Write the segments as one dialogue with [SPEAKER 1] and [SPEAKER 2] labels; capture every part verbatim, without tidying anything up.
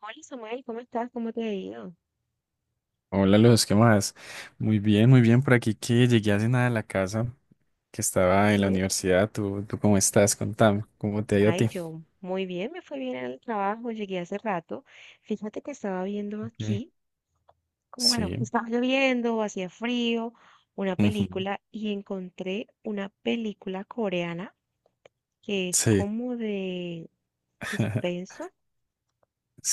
[SPEAKER 1] Hola Samuel, ¿cómo estás? ¿Cómo te ha ido?
[SPEAKER 2] Hola, los ¿qué más? Muy bien, muy bien por aquí que llegué hace nada a la casa, que estaba en la
[SPEAKER 1] Sí.
[SPEAKER 2] universidad. ¿Tú, tú cómo estás? Contame, ¿cómo te ha ido a
[SPEAKER 1] Ay,
[SPEAKER 2] ti?
[SPEAKER 1] yo muy bien, me fue bien en el trabajo, llegué hace rato. Fíjate que estaba viendo
[SPEAKER 2] Ok.
[SPEAKER 1] aquí, como bueno,
[SPEAKER 2] Sí.
[SPEAKER 1] estaba lloviendo, hacía frío, una
[SPEAKER 2] Ujú.
[SPEAKER 1] película y encontré una película coreana que es
[SPEAKER 2] Sí.
[SPEAKER 1] como de suspenso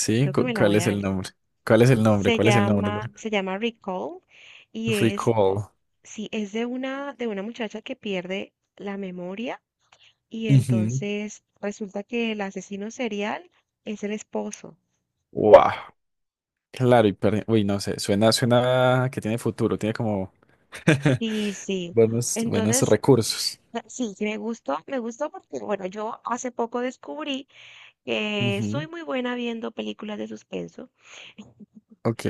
[SPEAKER 1] y creo que
[SPEAKER 2] cu-
[SPEAKER 1] me la
[SPEAKER 2] ¿cuál
[SPEAKER 1] voy
[SPEAKER 2] es
[SPEAKER 1] a
[SPEAKER 2] el
[SPEAKER 1] ver.
[SPEAKER 2] nombre? ¿Cuál es el nombre?
[SPEAKER 1] Se
[SPEAKER 2] ¿Cuál es el nombre?
[SPEAKER 1] llama,
[SPEAKER 2] Lore?
[SPEAKER 1] se llama Recall y es,
[SPEAKER 2] Recall.
[SPEAKER 1] sí, es de una, de una muchacha que pierde la memoria. Y
[SPEAKER 2] Ujú.
[SPEAKER 1] entonces resulta que el asesino serial es el esposo.
[SPEAKER 2] Wow. Claro, y perdi- uy, no sé, suena, suena que tiene futuro, tiene como
[SPEAKER 1] Y sí,
[SPEAKER 2] buenos, buenos
[SPEAKER 1] entonces
[SPEAKER 2] recursos.
[SPEAKER 1] eh, sí, sí me gustó, me gustó porque, bueno, yo hace poco descubrí que soy
[SPEAKER 2] Ujú.
[SPEAKER 1] muy buena viendo películas de suspenso,
[SPEAKER 2] Ok,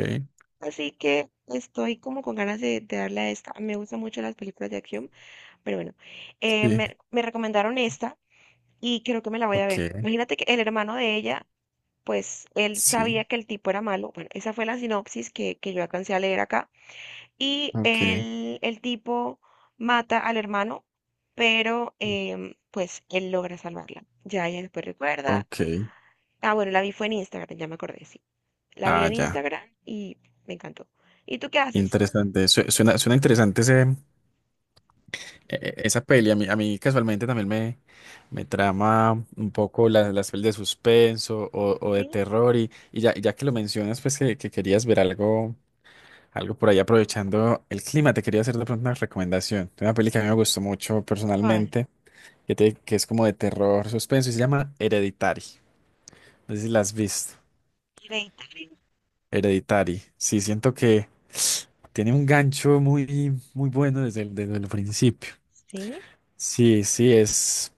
[SPEAKER 1] así que estoy como con ganas de, de darle a esta. Me gustan mucho las películas de acción, pero bueno, eh,
[SPEAKER 2] sí,
[SPEAKER 1] me, me recomendaron esta y creo que me la voy a ver.
[SPEAKER 2] ok,
[SPEAKER 1] Imagínate que el hermano de ella, pues él
[SPEAKER 2] sí,
[SPEAKER 1] sabía que el tipo era malo. Bueno, esa fue la sinopsis que, que yo alcancé a leer acá. Y
[SPEAKER 2] ok.
[SPEAKER 1] el, el tipo mata al hermano, pero em, pues él logra salvarla. Ya ella después recuerda.
[SPEAKER 2] Ok.
[SPEAKER 1] Ah, bueno, la vi fue en Instagram, ya me acordé, sí. La vi
[SPEAKER 2] Ah,
[SPEAKER 1] en
[SPEAKER 2] ya.
[SPEAKER 1] Instagram y me encantó. ¿Y tú qué haces?
[SPEAKER 2] Interesante. Su- Suena, suena interesante ese, e- e-, esa peli. A mí, a mí casualmente también me, me trama un poco la- las pelis de suspenso o, o de
[SPEAKER 1] ¿Sí?
[SPEAKER 2] terror. Y, y ya, ya que lo mencionas, pues que, que querías ver algo, algo por ahí aprovechando el clima, te quería hacer de pronto una recomendación. Una peli que a mí me gustó mucho
[SPEAKER 1] ¿Cuál?
[SPEAKER 2] personalmente, que, te- que es como de terror, suspenso, y se llama Hereditary. No sé si la has visto.
[SPEAKER 1] Hereditario.
[SPEAKER 2] Hereditary. Sí, siento que tiene un gancho muy, muy bueno desde el, desde el principio.
[SPEAKER 1] Sí.
[SPEAKER 2] Sí, sí, es,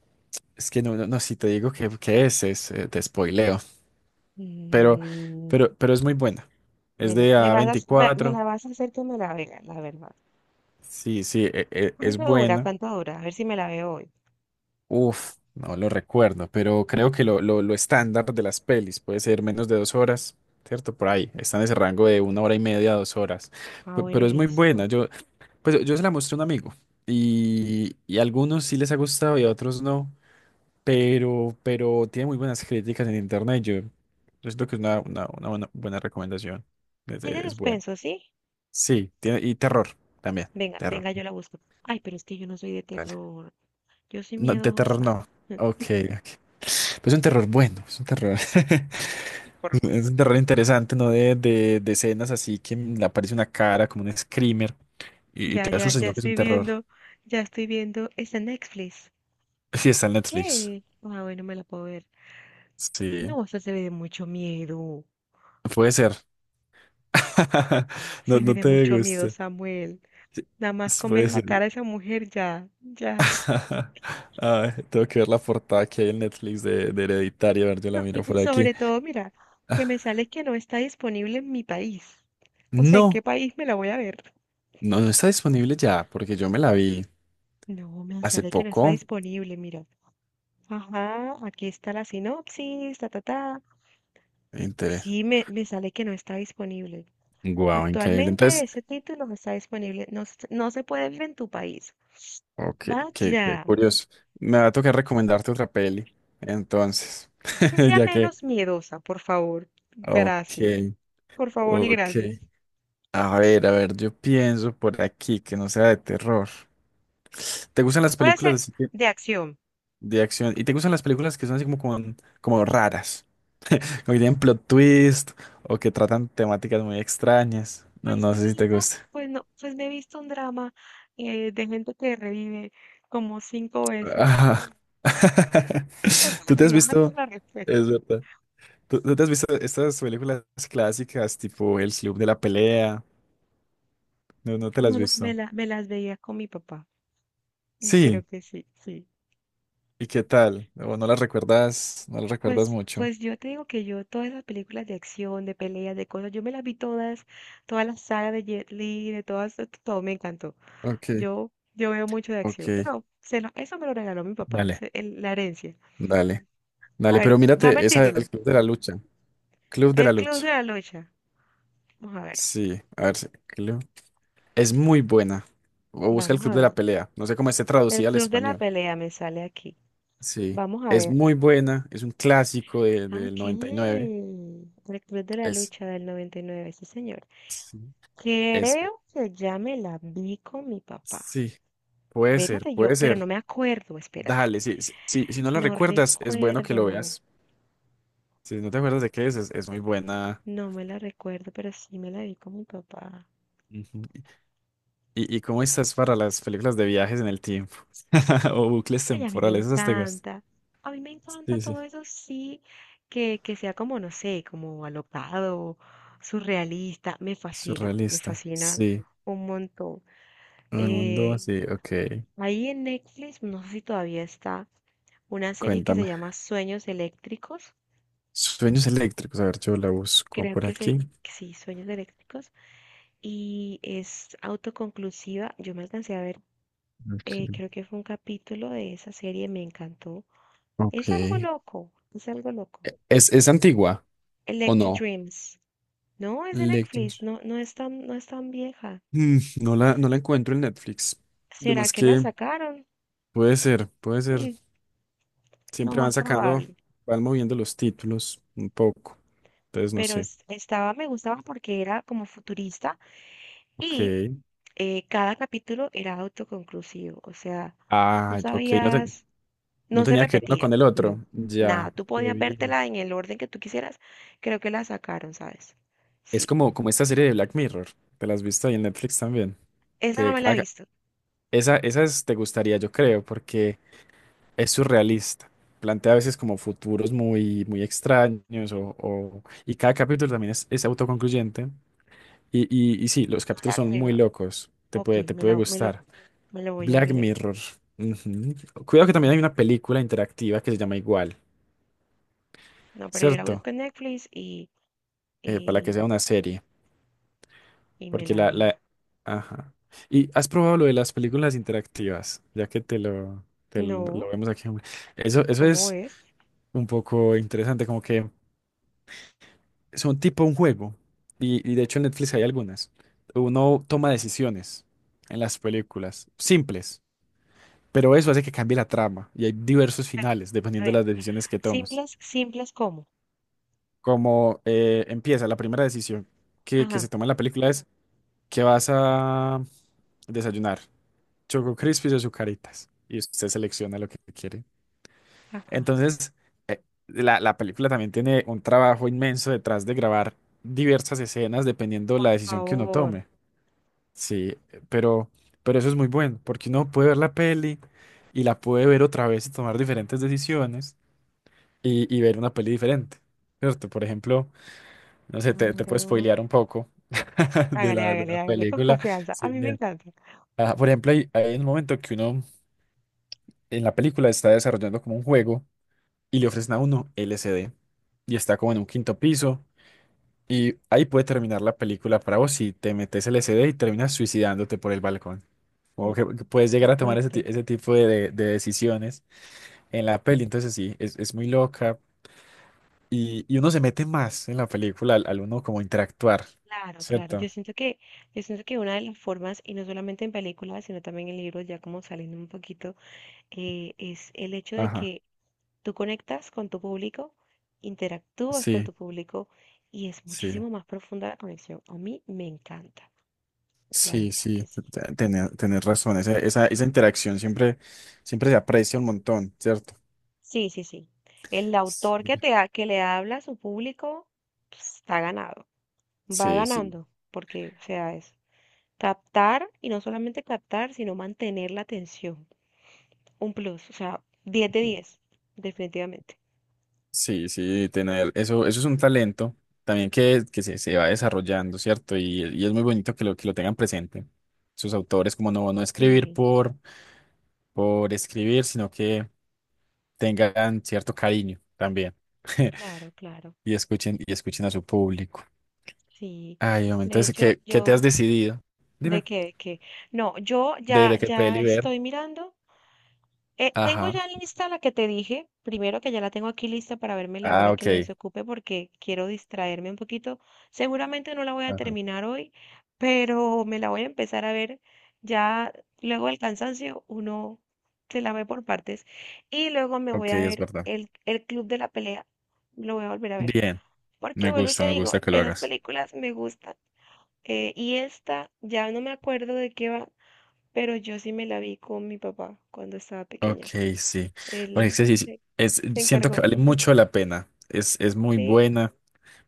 [SPEAKER 2] es que no, no, no, si te digo que, que es, es, eh, te spoileo, pero,
[SPEAKER 1] Mm,
[SPEAKER 2] pero, pero es muy buena.
[SPEAKER 1] me
[SPEAKER 2] Es
[SPEAKER 1] la,
[SPEAKER 2] de
[SPEAKER 1] me
[SPEAKER 2] a
[SPEAKER 1] vas a, hac- va- me
[SPEAKER 2] veinticuatro.
[SPEAKER 1] la vas a hacer que me la vea, la verdad.
[SPEAKER 2] Sí, sí, e- e- es
[SPEAKER 1] ¿Cuánto dura?
[SPEAKER 2] buena.
[SPEAKER 1] ¿Cuánto dura? A ver si me la veo hoy.
[SPEAKER 2] Uf, no lo recuerdo, pero creo que lo, lo, lo estándar de las pelis puede ser menos de dos horas, ¿cierto? Por ahí, está en ese rango de una hora y media a dos horas.
[SPEAKER 1] Ah,
[SPEAKER 2] Pe- pero
[SPEAKER 1] bueno,
[SPEAKER 2] es muy
[SPEAKER 1] listo.
[SPEAKER 2] buena. Yo, pues yo se la mostré a un amigo y, y a algunos sí les ha gustado y a otros no. pero, pero tiene muy buenas críticas en internet. Yo, yo siento que es una, una, una buena, buena recomendación. Es,
[SPEAKER 1] Es
[SPEAKER 2] es-
[SPEAKER 1] de
[SPEAKER 2] es buena.
[SPEAKER 1] suspenso, ¿sí?
[SPEAKER 2] Sí, tiene, y terror también.
[SPEAKER 1] Venga,
[SPEAKER 2] Terror.
[SPEAKER 1] venga, yo la busco. Ay, pero es que yo no soy de
[SPEAKER 2] Dale.
[SPEAKER 1] terror. Yo soy
[SPEAKER 2] No, de terror
[SPEAKER 1] miedosa.
[SPEAKER 2] no. Ok, ok. Pero es un terror bueno, es un terror.
[SPEAKER 1] Y corro.
[SPEAKER 2] Es un terror interesante, ¿no? De, de, de escenas así que le aparece una cara como un screamer y, y
[SPEAKER 1] Ya,
[SPEAKER 2] te
[SPEAKER 1] ya,
[SPEAKER 2] asusta,
[SPEAKER 1] ya
[SPEAKER 2] sino que es un
[SPEAKER 1] estoy
[SPEAKER 2] terror.
[SPEAKER 1] viendo, ya estoy viendo esa Netflix.
[SPEAKER 2] Sí, está en Netflix.
[SPEAKER 1] Yay. Ah, bueno, me la puedo ver. No,
[SPEAKER 2] Sí,
[SPEAKER 1] o sea, se ve de mucho miedo.
[SPEAKER 2] puede ser. No,
[SPEAKER 1] Se ve
[SPEAKER 2] no
[SPEAKER 1] de
[SPEAKER 2] te
[SPEAKER 1] mucho miedo,
[SPEAKER 2] gusta.
[SPEAKER 1] Samuel.
[SPEAKER 2] Sí,
[SPEAKER 1] Nada más con ver
[SPEAKER 2] puede
[SPEAKER 1] la
[SPEAKER 2] ser.
[SPEAKER 1] cara de esa mujer, ya, ya.
[SPEAKER 2] Ay, tengo que ver la portada que hay en Netflix de, de Hereditario. A ver, yo la
[SPEAKER 1] No, y,
[SPEAKER 2] miro
[SPEAKER 1] y
[SPEAKER 2] por aquí.
[SPEAKER 1] sobre todo, mira,
[SPEAKER 2] Ah,
[SPEAKER 1] que me sale que no está disponible en mi país. O sea, ¿en qué
[SPEAKER 2] no,
[SPEAKER 1] país me la voy a ver?
[SPEAKER 2] no, no está disponible ya, porque yo me la vi
[SPEAKER 1] No, me
[SPEAKER 2] hace
[SPEAKER 1] sale que no está
[SPEAKER 2] poco.
[SPEAKER 1] disponible, mira. Ajá, aquí está la sinopsis, ta, ta, ta.
[SPEAKER 2] Interés.
[SPEAKER 1] Sí, me, me sale que no está disponible.
[SPEAKER 2] Guau, increíble.
[SPEAKER 1] Actualmente
[SPEAKER 2] Entonces,
[SPEAKER 1] ese título no está disponible, no, se no se puede ver en tu país.
[SPEAKER 2] ok, qué, qué
[SPEAKER 1] Vaya,
[SPEAKER 2] curioso. Me va a tocar recomendarte otra peli. Entonces,
[SPEAKER 1] que sea
[SPEAKER 2] ya que.
[SPEAKER 1] menos miedosa, por favor.
[SPEAKER 2] Ok,
[SPEAKER 1] Gracias, por favor y
[SPEAKER 2] ok.
[SPEAKER 1] gracias.
[SPEAKER 2] A ver, a ver, yo pienso por aquí que no sea de terror. ¿Te gustan las
[SPEAKER 1] Puede
[SPEAKER 2] películas
[SPEAKER 1] ser
[SPEAKER 2] así que-
[SPEAKER 1] de acción.
[SPEAKER 2] de acción? ¿Y te gustan las películas que son así como, con- como raras? ¿O que tienen plot twist, o que tratan temáticas muy extrañas? No,
[SPEAKER 1] Pues
[SPEAKER 2] no
[SPEAKER 1] me he
[SPEAKER 2] sé si te
[SPEAKER 1] visto,
[SPEAKER 2] gusta.
[SPEAKER 1] pues no, pues me he visto un drama eh, de gente que revive como cinco veces.
[SPEAKER 2] Ajá.
[SPEAKER 1] Pues
[SPEAKER 2] ¿Tú te has
[SPEAKER 1] relájate
[SPEAKER 2] visto?
[SPEAKER 1] la respuesta.
[SPEAKER 2] Es verdad. ¿Tú, tú te has visto estas películas clásicas tipo El Club de la Pelea? No, no te las has
[SPEAKER 1] Me, la- me
[SPEAKER 2] visto.
[SPEAKER 1] la- me las veía con mi papá. Creo
[SPEAKER 2] Sí.
[SPEAKER 1] que sí, sí.
[SPEAKER 2] ¿Y qué tal? ¿O no las recuerdas? No las recuerdas
[SPEAKER 1] Pues,
[SPEAKER 2] mucho.
[SPEAKER 1] pues yo te digo que yo todas esas películas de acción, de peleas, de cosas, yo me las vi todas, toda la saga de Jet Li, de todas, to- todo me encantó.
[SPEAKER 2] Ok,
[SPEAKER 1] Yo, yo veo mucho de acción,
[SPEAKER 2] ok.
[SPEAKER 1] pero se lo- eso me lo regaló mi papá, es
[SPEAKER 2] Dale.
[SPEAKER 1] el- la herencia.
[SPEAKER 2] Dale.
[SPEAKER 1] A
[SPEAKER 2] Dale,
[SPEAKER 1] ver,
[SPEAKER 2] pero
[SPEAKER 1] dame
[SPEAKER 2] mírate
[SPEAKER 1] el
[SPEAKER 2] esa del
[SPEAKER 1] título.
[SPEAKER 2] Club de la Lucha. Club de la
[SPEAKER 1] El Club de
[SPEAKER 2] Lucha.
[SPEAKER 1] la Lucha. Vamos a ver,
[SPEAKER 2] Sí, a ver, sí, Club. Es muy buena. O busca el
[SPEAKER 1] vamos
[SPEAKER 2] Club
[SPEAKER 1] a
[SPEAKER 2] de
[SPEAKER 1] ver.
[SPEAKER 2] la Pelea. No sé cómo esté
[SPEAKER 1] El
[SPEAKER 2] traducida al
[SPEAKER 1] Club de la
[SPEAKER 2] español.
[SPEAKER 1] Pelea me sale aquí.
[SPEAKER 2] Sí.
[SPEAKER 1] Vamos a
[SPEAKER 2] Es
[SPEAKER 1] ver.
[SPEAKER 2] muy buena. Es un clásico de-
[SPEAKER 1] Ah,
[SPEAKER 2] del
[SPEAKER 1] ok.
[SPEAKER 2] noventa y nueve.
[SPEAKER 1] El Club de la
[SPEAKER 2] Es,
[SPEAKER 1] Lucha del noventa y nueve, sí señor.
[SPEAKER 2] sí, es,
[SPEAKER 1] Creo que ya me la vi con mi papá.
[SPEAKER 2] sí. Puede ser,
[SPEAKER 1] Espérate yo,
[SPEAKER 2] puede
[SPEAKER 1] pero no
[SPEAKER 2] ser.
[SPEAKER 1] me acuerdo, espérate.
[SPEAKER 2] Dale, sí, sí, sí, si no la
[SPEAKER 1] No
[SPEAKER 2] recuerdas, es bueno que lo
[SPEAKER 1] recuerdo,
[SPEAKER 2] veas. Si no te acuerdas de qué es, es, es muy buena.
[SPEAKER 1] no me la recuerdo, pero sí me la vi con mi papá.
[SPEAKER 2] Ujú. ¿Y, y cómo estás para las películas de viajes en el tiempo? O bucles
[SPEAKER 1] Ay, a mí me
[SPEAKER 2] temporales, esas te gustan.
[SPEAKER 1] encanta, a mí me encanta
[SPEAKER 2] Sí, sí.
[SPEAKER 1] todo eso, sí, que, que sea como, no sé, como alocado, surrealista, me fascina, me
[SPEAKER 2] Surrealista.
[SPEAKER 1] fascina
[SPEAKER 2] Sí.
[SPEAKER 1] un montón.
[SPEAKER 2] El mundo,
[SPEAKER 1] Eh,
[SPEAKER 2] sí, ok.
[SPEAKER 1] ahí en Netflix, no sé si todavía está, una serie que se
[SPEAKER 2] Cuéntame.
[SPEAKER 1] llama Sueños Eléctricos,
[SPEAKER 2] Sueños eléctricos. A ver, yo la busco
[SPEAKER 1] creo
[SPEAKER 2] por
[SPEAKER 1] que se,
[SPEAKER 2] aquí.
[SPEAKER 1] sí, Sueños Eléctricos. Y es autoconclusiva. Yo me alcancé a ver, eh,
[SPEAKER 2] Aquí.
[SPEAKER 1] creo que fue un capítulo de esa serie, me encantó.
[SPEAKER 2] Ok.
[SPEAKER 1] Es algo
[SPEAKER 2] E-
[SPEAKER 1] loco, es algo loco.
[SPEAKER 2] ¿Es, es antigua o
[SPEAKER 1] Electric
[SPEAKER 2] no?
[SPEAKER 1] Dreams. No, es de Netflix,
[SPEAKER 2] Lectures.
[SPEAKER 1] no, no es tan, no es tan vieja.
[SPEAKER 2] Mm, no la, no la encuentro en Netflix.
[SPEAKER 1] ¿Será
[SPEAKER 2] Además
[SPEAKER 1] que la
[SPEAKER 2] que
[SPEAKER 1] sacaron?
[SPEAKER 2] puede ser, puede ser.
[SPEAKER 1] Mm, lo
[SPEAKER 2] Siempre van
[SPEAKER 1] más
[SPEAKER 2] sacando,
[SPEAKER 1] probable.
[SPEAKER 2] van moviendo los títulos un poco. Entonces no
[SPEAKER 1] Pero
[SPEAKER 2] sé.
[SPEAKER 1] es- estaba, me gustaba porque era como futurista
[SPEAKER 2] Ok.
[SPEAKER 1] y eh, cada capítulo era autoconclusivo. O sea, tú
[SPEAKER 2] Ah, ok. No, te-
[SPEAKER 1] sabías.
[SPEAKER 2] no
[SPEAKER 1] No se
[SPEAKER 2] tenía que ver uno
[SPEAKER 1] repetía,
[SPEAKER 2] con el
[SPEAKER 1] no,
[SPEAKER 2] otro.
[SPEAKER 1] nada.
[SPEAKER 2] Ya.
[SPEAKER 1] Tú
[SPEAKER 2] Qué
[SPEAKER 1] podías
[SPEAKER 2] bien.
[SPEAKER 1] vértela en el orden que tú quisieras. Creo que la sacaron, ¿sabes?
[SPEAKER 2] Es
[SPEAKER 1] Sí.
[SPEAKER 2] como, como esta serie de Black Mirror. Te la has visto ahí en Netflix también.
[SPEAKER 1] Esa no
[SPEAKER 2] Que
[SPEAKER 1] me la he
[SPEAKER 2] cada-
[SPEAKER 1] visto.
[SPEAKER 2] esa, esa es- te gustaría, yo creo, porque es surrealista. Plantea a veces como futuros muy, muy extraños
[SPEAKER 1] Sí.
[SPEAKER 2] o, o- y cada capítulo también es, es autoconcluyente. Y, y, y sí, los capítulos
[SPEAKER 1] Black
[SPEAKER 2] son muy
[SPEAKER 1] Mirror.
[SPEAKER 2] locos. Te
[SPEAKER 1] Ok,
[SPEAKER 2] puede, te
[SPEAKER 1] me
[SPEAKER 2] puede
[SPEAKER 1] la, me lo,
[SPEAKER 2] gustar.
[SPEAKER 1] me lo voy a
[SPEAKER 2] Black
[SPEAKER 1] ver.
[SPEAKER 2] Mirror. Ujú. Cuidado que también hay
[SPEAKER 1] Black-
[SPEAKER 2] una película interactiva que se llama igual,
[SPEAKER 1] No, pero yo la
[SPEAKER 2] ¿cierto?
[SPEAKER 1] busco en Netflix y,
[SPEAKER 2] Eh, para que
[SPEAKER 1] y,
[SPEAKER 2] sea una serie.
[SPEAKER 1] y me
[SPEAKER 2] Porque
[SPEAKER 1] la
[SPEAKER 2] la,
[SPEAKER 1] veo.
[SPEAKER 2] la... Ajá. ¿Y has probado lo de las películas interactivas? Ya que te lo, te lo lo
[SPEAKER 1] No,
[SPEAKER 2] vemos aquí. Eso, eso
[SPEAKER 1] ¿cómo
[SPEAKER 2] es
[SPEAKER 1] es?
[SPEAKER 2] un poco interesante, como que... son tipo un juego. Y, y de hecho en Netflix hay algunas. Uno toma decisiones en las películas, simples, pero eso hace que cambie la trama. Y hay diversos finales
[SPEAKER 1] A
[SPEAKER 2] dependiendo de
[SPEAKER 1] ver,
[SPEAKER 2] las decisiones que tomas.
[SPEAKER 1] simples, simples como.
[SPEAKER 2] Como eh, empieza, la primera decisión que, que se
[SPEAKER 1] Ajá,
[SPEAKER 2] toma en la película es que vas a desayunar Choco Crispies o Zucaritas. Y usted selecciona lo que quiere.
[SPEAKER 1] ajá.
[SPEAKER 2] Entonces, eh, la, la película también tiene un trabajo inmenso detrás de grabar diversas escenas dependiendo
[SPEAKER 1] Por
[SPEAKER 2] la decisión que uno
[SPEAKER 1] favor.
[SPEAKER 2] tome. Sí, pero, pero eso es muy bueno, porque uno puede ver la peli y la puede ver otra vez y tomar diferentes decisiones y, y ver una peli diferente, ¿cierto? Por ejemplo, no sé, te, te puedo
[SPEAKER 1] Claro.
[SPEAKER 2] spoilear un poco de
[SPEAKER 1] Hágale,
[SPEAKER 2] la, de
[SPEAKER 1] hágale,
[SPEAKER 2] la
[SPEAKER 1] hágale, con
[SPEAKER 2] película.
[SPEAKER 1] confianza. A
[SPEAKER 2] Sí,
[SPEAKER 1] mí me
[SPEAKER 2] bien.
[SPEAKER 1] encanta.
[SPEAKER 2] Ah, por ejemplo, hay, hay un momento que uno en la película está desarrollando como un juego y le ofrecen a uno L S D y está como en un quinto piso y ahí puede terminar la película para vos si te metes L S D y terminas suicidándote por el balcón. O
[SPEAKER 1] Uf,
[SPEAKER 2] que, que puedes
[SPEAKER 1] qué
[SPEAKER 2] llegar a tomar ese, ti-
[SPEAKER 1] fuerte.
[SPEAKER 2] ese tipo de, de- de decisiones en la peli. Entonces sí, es, es muy loca. Y, y uno se mete más en la película al, al uno como interactuar,
[SPEAKER 1] Claro, claro.
[SPEAKER 2] ¿cierto?
[SPEAKER 1] Yo siento que, yo siento que una de las formas, y no solamente en películas, sino también en libros, ya como saliendo un poquito, eh, es el hecho de
[SPEAKER 2] Ajá.
[SPEAKER 1] que tú conectas con tu público, interactúas con
[SPEAKER 2] Sí,
[SPEAKER 1] tu público, y es
[SPEAKER 2] sí,
[SPEAKER 1] muchísimo más profunda la conexión. A mí me encanta, la
[SPEAKER 2] sí,
[SPEAKER 1] verdad
[SPEAKER 2] sí,
[SPEAKER 1] que sí.
[SPEAKER 2] te- te- tener- tenés razón. Esa, esa, esa interacción siempre, siempre se aprecia un montón, ¿cierto?
[SPEAKER 1] Sí, sí, sí. El
[SPEAKER 2] Sí,
[SPEAKER 1] autor que te ha- que le habla a su público, pues, está ganado, va
[SPEAKER 2] sí. Sí.
[SPEAKER 1] ganando, porque, o sea, es captar, y no solamente captar, sino mantener la atención. Un plus, o sea, diez de diez definitivamente.
[SPEAKER 2] Sí, sí, tener eso, eso es un talento también que, que se, se va desarrollando, ¿cierto? Y, y es muy bonito que lo, que lo tengan presente. Sus autores, como no, no escribir
[SPEAKER 1] Sí,
[SPEAKER 2] por, por escribir, sino que tengan cierto cariño también.
[SPEAKER 1] claro, claro.
[SPEAKER 2] Y escuchen, y escuchen a su público.
[SPEAKER 1] Sí.
[SPEAKER 2] Ay, hombre,
[SPEAKER 1] De
[SPEAKER 2] entonces,
[SPEAKER 1] hecho,
[SPEAKER 2] ¿qué, qué te has
[SPEAKER 1] yo,
[SPEAKER 2] decidido?
[SPEAKER 1] ¿de
[SPEAKER 2] Dime.
[SPEAKER 1] qué? ¿De qué? No, yo
[SPEAKER 2] ¿De,
[SPEAKER 1] ya,
[SPEAKER 2] de qué
[SPEAKER 1] ya
[SPEAKER 2] peli ver?
[SPEAKER 1] estoy mirando. Eh, tengo ya
[SPEAKER 2] Ajá.
[SPEAKER 1] lista la que te dije, primero que ya la tengo aquí lista para verme la
[SPEAKER 2] Ah,
[SPEAKER 1] hora que me
[SPEAKER 2] ok.
[SPEAKER 1] desocupe porque quiero distraerme un poquito. Seguramente no la voy a
[SPEAKER 2] Ajá.
[SPEAKER 1] terminar hoy, pero me la voy a empezar a ver. Ya luego del cansancio uno se la ve por partes y luego me voy
[SPEAKER 2] Ok,
[SPEAKER 1] a
[SPEAKER 2] es
[SPEAKER 1] ver
[SPEAKER 2] verdad.
[SPEAKER 1] el, el Club de la Pelea. Lo voy a volver a ver.
[SPEAKER 2] Bien,
[SPEAKER 1] Porque
[SPEAKER 2] me
[SPEAKER 1] vuelvo y
[SPEAKER 2] gusta,
[SPEAKER 1] te
[SPEAKER 2] me
[SPEAKER 1] digo,
[SPEAKER 2] gusta que lo
[SPEAKER 1] esas
[SPEAKER 2] hagas.
[SPEAKER 1] películas me gustan. Eh, y esta, ya no me acuerdo de qué va, pero yo sí me la vi con mi papá cuando estaba
[SPEAKER 2] Ok,
[SPEAKER 1] pequeña.
[SPEAKER 2] sí. Porque
[SPEAKER 1] Él
[SPEAKER 2] sí, sí, sí,
[SPEAKER 1] se,
[SPEAKER 2] es,
[SPEAKER 1] se
[SPEAKER 2] siento que
[SPEAKER 1] encargó.
[SPEAKER 2] vale mucho la pena. Es, es muy
[SPEAKER 1] Sí,
[SPEAKER 2] buena,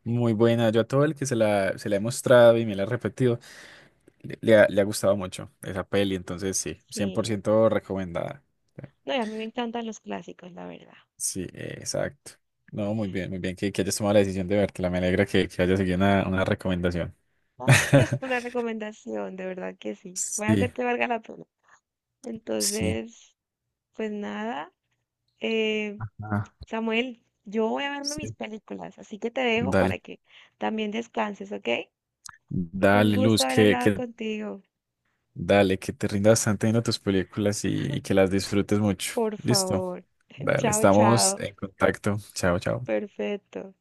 [SPEAKER 2] muy buena. Yo a todo el que se la, se la he mostrado y me la ha repetido, le, le ha, le ha gustado mucho esa peli. Entonces, sí, cien por
[SPEAKER 1] sí.
[SPEAKER 2] ciento recomendada.
[SPEAKER 1] No, y a mí me encantan los clásicos, la verdad.
[SPEAKER 2] Sí, eh, exacto. No, muy bien, muy bien que, que hayas tomado la decisión de vértela. Me alegra que, que hayas seguido una, una recomendación.
[SPEAKER 1] Gracias por la recomendación, de verdad que sí. Voy a
[SPEAKER 2] Sí,
[SPEAKER 1] hacer que valga la pena.
[SPEAKER 2] sí.
[SPEAKER 1] Entonces, pues nada, eh,
[SPEAKER 2] Ah,
[SPEAKER 1] Samuel, yo voy a verme mis
[SPEAKER 2] sí.
[SPEAKER 1] películas, así que te dejo para
[SPEAKER 2] Dale,
[SPEAKER 1] que también descanses, ¿ok? Un
[SPEAKER 2] dale,
[SPEAKER 1] gusto
[SPEAKER 2] Luz,
[SPEAKER 1] haber
[SPEAKER 2] que,
[SPEAKER 1] hablado
[SPEAKER 2] que
[SPEAKER 1] contigo,
[SPEAKER 2] dale, que te rinda bastante viendo tus películas y, y que las disfrutes mucho.
[SPEAKER 1] por
[SPEAKER 2] Listo.
[SPEAKER 1] favor.
[SPEAKER 2] Dale,
[SPEAKER 1] Chao,
[SPEAKER 2] estamos
[SPEAKER 1] chao.
[SPEAKER 2] en contacto. Chao, chao.
[SPEAKER 1] Perfecto.